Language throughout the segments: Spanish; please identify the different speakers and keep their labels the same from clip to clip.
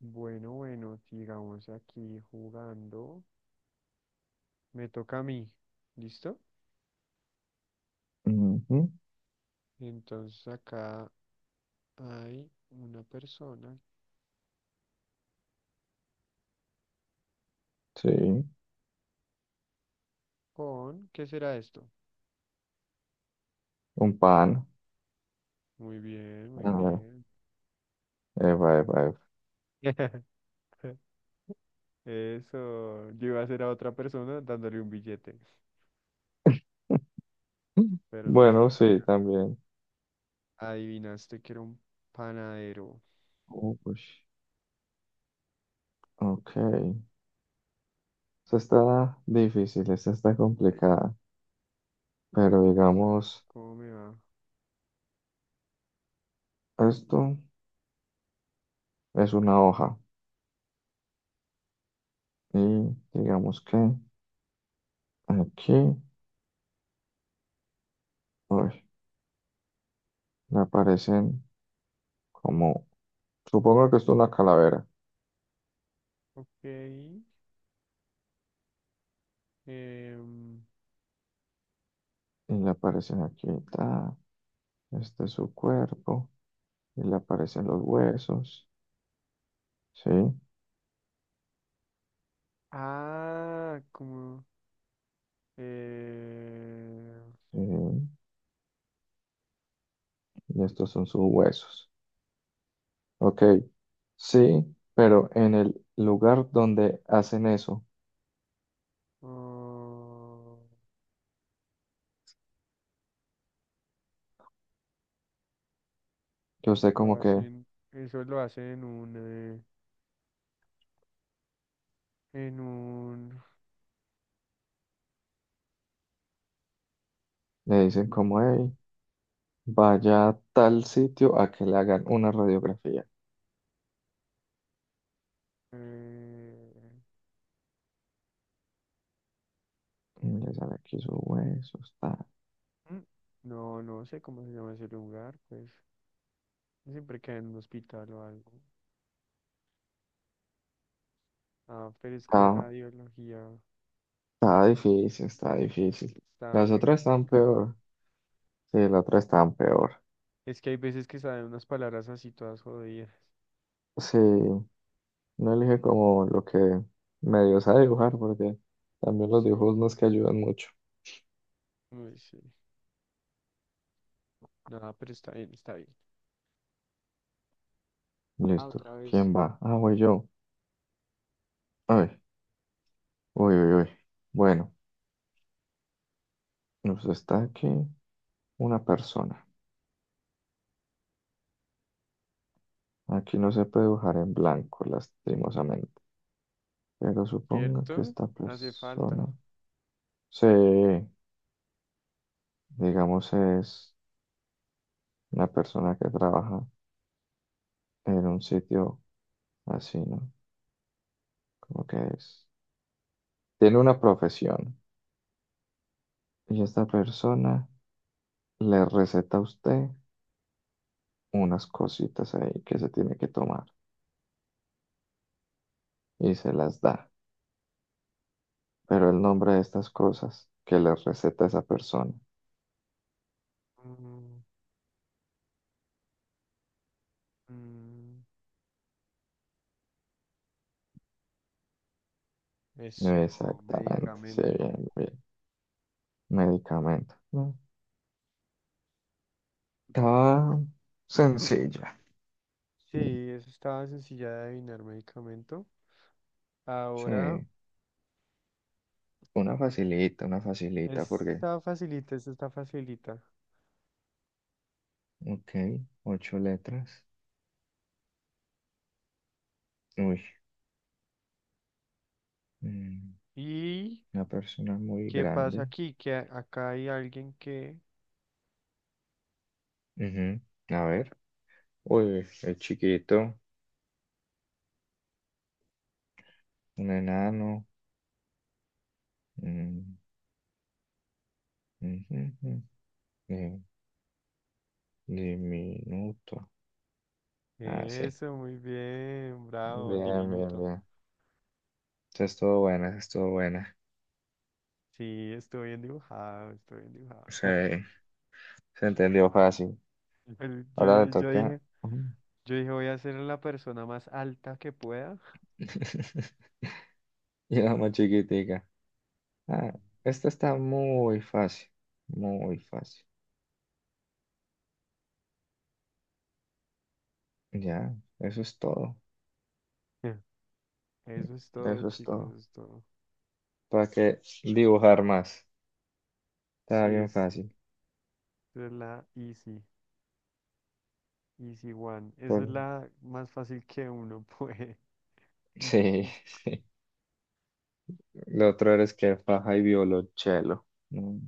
Speaker 1: Bueno, bueno, sigamos aquí jugando. Me toca a mí. ¿Listo?
Speaker 2: Ujú,
Speaker 1: Entonces acá hay una persona
Speaker 2: sí,
Speaker 1: con... ¿Qué será esto?
Speaker 2: un pan.
Speaker 1: Muy bien, muy
Speaker 2: A ver,
Speaker 1: bien.
Speaker 2: eva, eva, eva.
Speaker 1: Eso. Yo iba a hacer a otra persona dándole un billete, pero no hizo
Speaker 2: Bueno, sí,
Speaker 1: falta.
Speaker 2: también.
Speaker 1: Adivinaste que era un panadero.
Speaker 2: Uy, ok. Esta está difícil, esta está complicada, pero
Speaker 1: Vamos a ver
Speaker 2: digamos,
Speaker 1: cómo me va.
Speaker 2: esto es una hoja y digamos que aquí, uy, le aparecen como, supongo que esto es una calavera
Speaker 1: Ok. em,
Speaker 2: y le aparecen aquí, ta, este es su cuerpo y le aparecen los huesos, ¿sí?
Speaker 1: ah, em,
Speaker 2: Sí. Y estos son sus huesos. Ok, sí, pero en el lugar donde hacen eso,
Speaker 1: Ah,
Speaker 2: que usted
Speaker 1: lo
Speaker 2: como que
Speaker 1: hacen, eso lo hacen en un,
Speaker 2: le dicen como,
Speaker 1: mm,
Speaker 2: hey, vaya a tal sitio a que le hagan una radiografía.
Speaker 1: eh,
Speaker 2: Y le sale aquí su hueso.
Speaker 1: mm, no, no sé cómo se llama ese lugar, pues siempre queda en un hospital o algo. Ah, pero es que
Speaker 2: Está,
Speaker 1: radiología
Speaker 2: está difícil, está difícil.
Speaker 1: está
Speaker 2: Las
Speaker 1: muy
Speaker 2: otras están
Speaker 1: complicado.
Speaker 2: peor. Sí, las otras están peor.
Speaker 1: Es que hay veces que salen unas palabras así todas jodidas.
Speaker 2: Sí, no elige como lo que medio sabe dibujar porque también los
Speaker 1: Sí,
Speaker 2: dibujos no es que ayudan mucho.
Speaker 1: muy sí. Nada, pero está bien, está bien. Ah,
Speaker 2: Listo.
Speaker 1: otra vez.
Speaker 2: ¿Quién va? Ah, voy yo. Ay. Uy, uy, uy. Bueno, nos está aquí una persona. Aquí no se puede dibujar en blanco, lastimosamente. Pero suponga que
Speaker 1: ¿Cierto?
Speaker 2: esta
Speaker 1: Hace
Speaker 2: persona,
Speaker 1: falta.
Speaker 2: sí, digamos, es una persona que trabaja en un sitio así, ¿no? Como que es. Tiene una profesión. Y esta persona le receta a usted unas cositas ahí que se tiene que tomar y se las da. Pero el nombre de estas cosas que le receta esa persona.
Speaker 1: Mm, mm. Eso,
Speaker 2: Exactamente, sí,
Speaker 1: medicamento.
Speaker 2: bien, bien. Medicamento, ¿no? Estaba sencilla.
Speaker 1: Sí, eso estaba sencilla de adivinar, medicamento.
Speaker 2: Sí,
Speaker 1: Ahora,
Speaker 2: una facilita,
Speaker 1: esta
Speaker 2: porque,
Speaker 1: está facilita, esta está facilita.
Speaker 2: ok, ocho letras. Uy, mm,
Speaker 1: ¿Y
Speaker 2: una persona muy
Speaker 1: qué pasa
Speaker 2: grande.
Speaker 1: aquí? Que acá hay alguien que...
Speaker 2: Ujú. A ver, uy, es chiquito, un enano. Mm, ujú, ujú, eh, diminuto. Ah, sí.
Speaker 1: Eso, muy bien, bravo,
Speaker 2: Bien, bien,
Speaker 1: diminuto.
Speaker 2: bien. Esa estuvo buena, esa estuvo buena.
Speaker 1: Sí, estoy bien dibujado, estoy bien dibujado.
Speaker 2: Sí, se entendió fácil.
Speaker 1: Pero Yo,
Speaker 2: Ahora le
Speaker 1: yo
Speaker 2: toca.
Speaker 1: dije,
Speaker 2: Mm.
Speaker 1: yo dije, voy a ser la persona más alta que pueda.
Speaker 2: Y la más chiquitica. Ah, esta está muy fácil. Muy fácil. Ya, eso es todo.
Speaker 1: Eso es todo,
Speaker 2: Eso es
Speaker 1: chicos,
Speaker 2: todo.
Speaker 1: eso es todo.
Speaker 2: ¿Para qué dibujar más?
Speaker 1: Sí,
Speaker 2: Está bien fácil.
Speaker 1: es la easy. Easy One. Esa es
Speaker 2: Por-
Speaker 1: la más fácil que uno puede.
Speaker 2: Sí, lo otro eres que faja y violonchelo. Mm.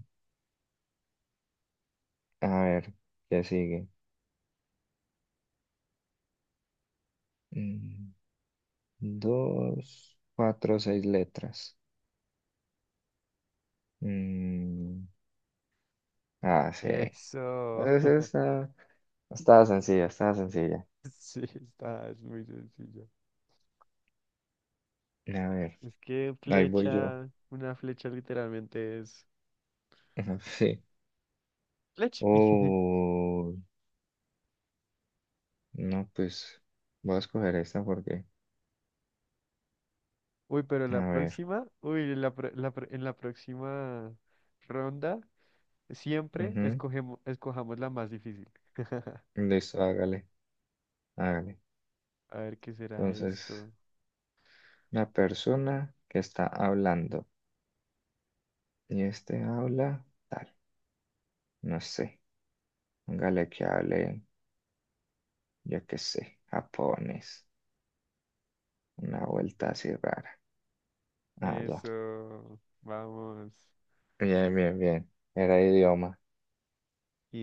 Speaker 2: A ver, ¿qué sigue? Mm, Dos, cuatro, seis letras. Mm, Ah, sí.
Speaker 1: Eso.
Speaker 2: Está está sencilla, está sencilla.
Speaker 1: Sí, está, es muy sencillo.
Speaker 2: A ver,
Speaker 1: Es que
Speaker 2: ahí voy yo.
Speaker 1: flecha, una flecha literalmente es
Speaker 2: Ajá, sí.
Speaker 1: flecha.
Speaker 2: Oh, no, pues voy a escoger esta porque,
Speaker 1: Uy, pero en la
Speaker 2: a ver,
Speaker 1: próxima, uy, en la, en la próxima ronda, siempre
Speaker 2: ujú.
Speaker 1: escogemos, escojamos la más difícil.
Speaker 2: Listo, hágale, hágale.
Speaker 1: A ver qué será
Speaker 2: Entonces,
Speaker 1: esto.
Speaker 2: una persona que está hablando y este habla, tal, no sé, hágale que hable, yo qué sé, japonés, una vuelta así rara. Ah, ya,
Speaker 1: Eso, vamos.
Speaker 2: bien, bien, bien, era idioma.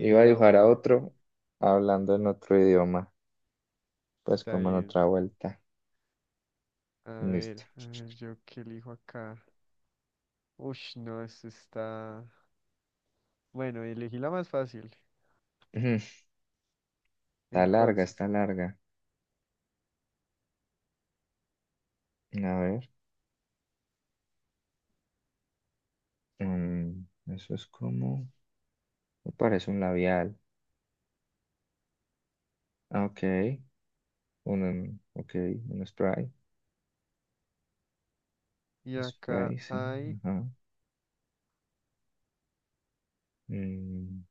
Speaker 2: Iba a dibujar a
Speaker 1: idioma.
Speaker 2: otro hablando en otro idioma, pues
Speaker 1: Está
Speaker 2: como en
Speaker 1: bien.
Speaker 2: otra vuelta. Listo.
Speaker 1: A ver, yo qué elijo acá. Uy, no, esto está. Bueno, elegí la más fácil.
Speaker 2: Ujú. Está larga,
Speaker 1: Entonces,
Speaker 2: está larga. A ver. mm, Eso es como. Me parece un labial. Ah, ok. Ok. Un spray.
Speaker 1: y acá
Speaker 2: Spray, sí.
Speaker 1: hay.
Speaker 2: Ajá. Mm,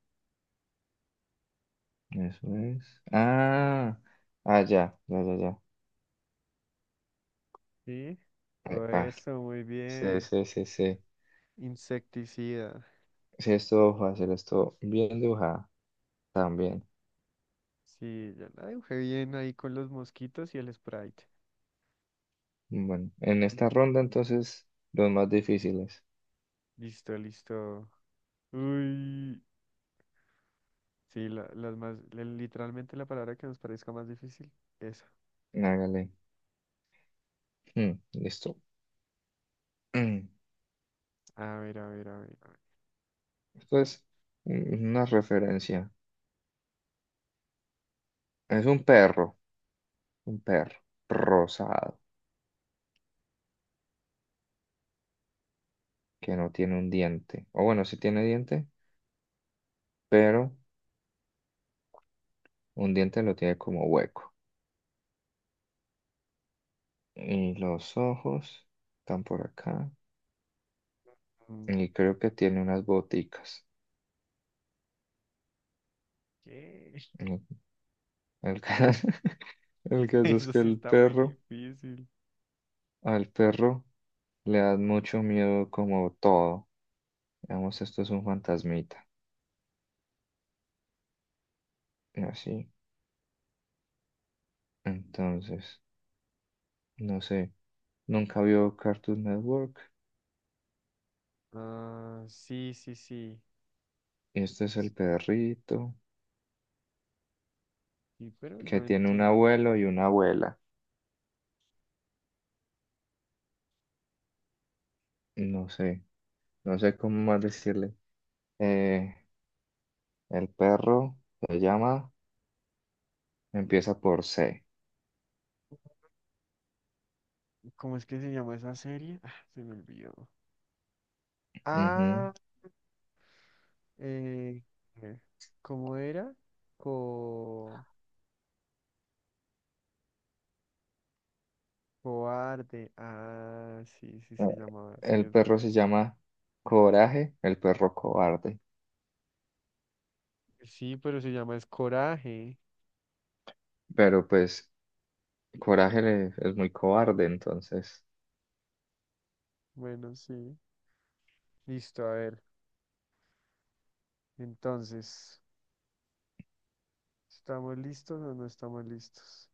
Speaker 2: eso es. Ah. Ah, ya. Ya, ya, ya.
Speaker 1: Sí, oh,
Speaker 2: Epa.
Speaker 1: eso, muy
Speaker 2: Sí,
Speaker 1: bien.
Speaker 2: sí, sí, sí.
Speaker 1: Insecticida.
Speaker 2: Sí, estuvo fácil. Esto bien dibujada. También.
Speaker 1: Sí, ya la dibujé bien ahí con los mosquitos y el Sprite.
Speaker 2: Bueno. En esta ronda, entonces, los más difíciles.
Speaker 1: Listo, listo. Uy, sí, la, las más. Literalmente la palabra que nos parezca más difícil, esa.
Speaker 2: Hágale. Mm, listo.
Speaker 1: A ver, a ver, a ver, a ver.
Speaker 2: Esto es una referencia. Es un perro rosado que no tiene un diente. O bueno, sí tiene diente, pero un diente lo tiene como hueco. Y los ojos están por acá.
Speaker 1: Mm,
Speaker 2: Y creo que tiene unas boticas.
Speaker 1: ¿qué?
Speaker 2: El, el ca- el caso es
Speaker 1: Eso
Speaker 2: que
Speaker 1: sí
Speaker 2: el
Speaker 1: está muy
Speaker 2: perro,
Speaker 1: difícil.
Speaker 2: al perro le da mucho miedo como todo. Digamos, esto es un fantasmita. Y así. Entonces, no sé. Nunca vio Cartoon Network.
Speaker 1: Ah, sí, sí, sí.
Speaker 2: Este es el
Speaker 1: Sí,
Speaker 2: perrito
Speaker 1: sí, pero
Speaker 2: que
Speaker 1: no
Speaker 2: tiene un
Speaker 1: entiendo.
Speaker 2: abuelo y una abuela. No sé, no sé cómo más decirle. Eh, el perro se llama, empieza por C.
Speaker 1: ¿Cómo es que se llama esa serie? Ah, se me olvidó.
Speaker 2: Ujú.
Speaker 1: Ah, eh, eh, ¿cómo era? Co cobarde. Ah, sí, sí
Speaker 2: Eh,
Speaker 1: se llamaba, sí,
Speaker 2: El
Speaker 1: es
Speaker 2: perro
Speaker 1: verdad.
Speaker 2: se llama Coraje, el perro cobarde.
Speaker 1: Sí, pero se llama es coraje.
Speaker 2: Pero pues Coraje es muy cobarde, entonces
Speaker 1: Bueno, sí. Listo, a ver. Entonces, ¿estamos listos o no estamos listos?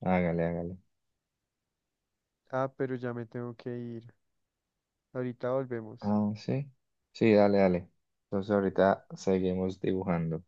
Speaker 2: hágale, hágale.
Speaker 1: Ah, pero ya me tengo que ir. Ahorita volvemos.
Speaker 2: Ah, sí, sí, dale, dale. Entonces ahorita seguimos dibujando.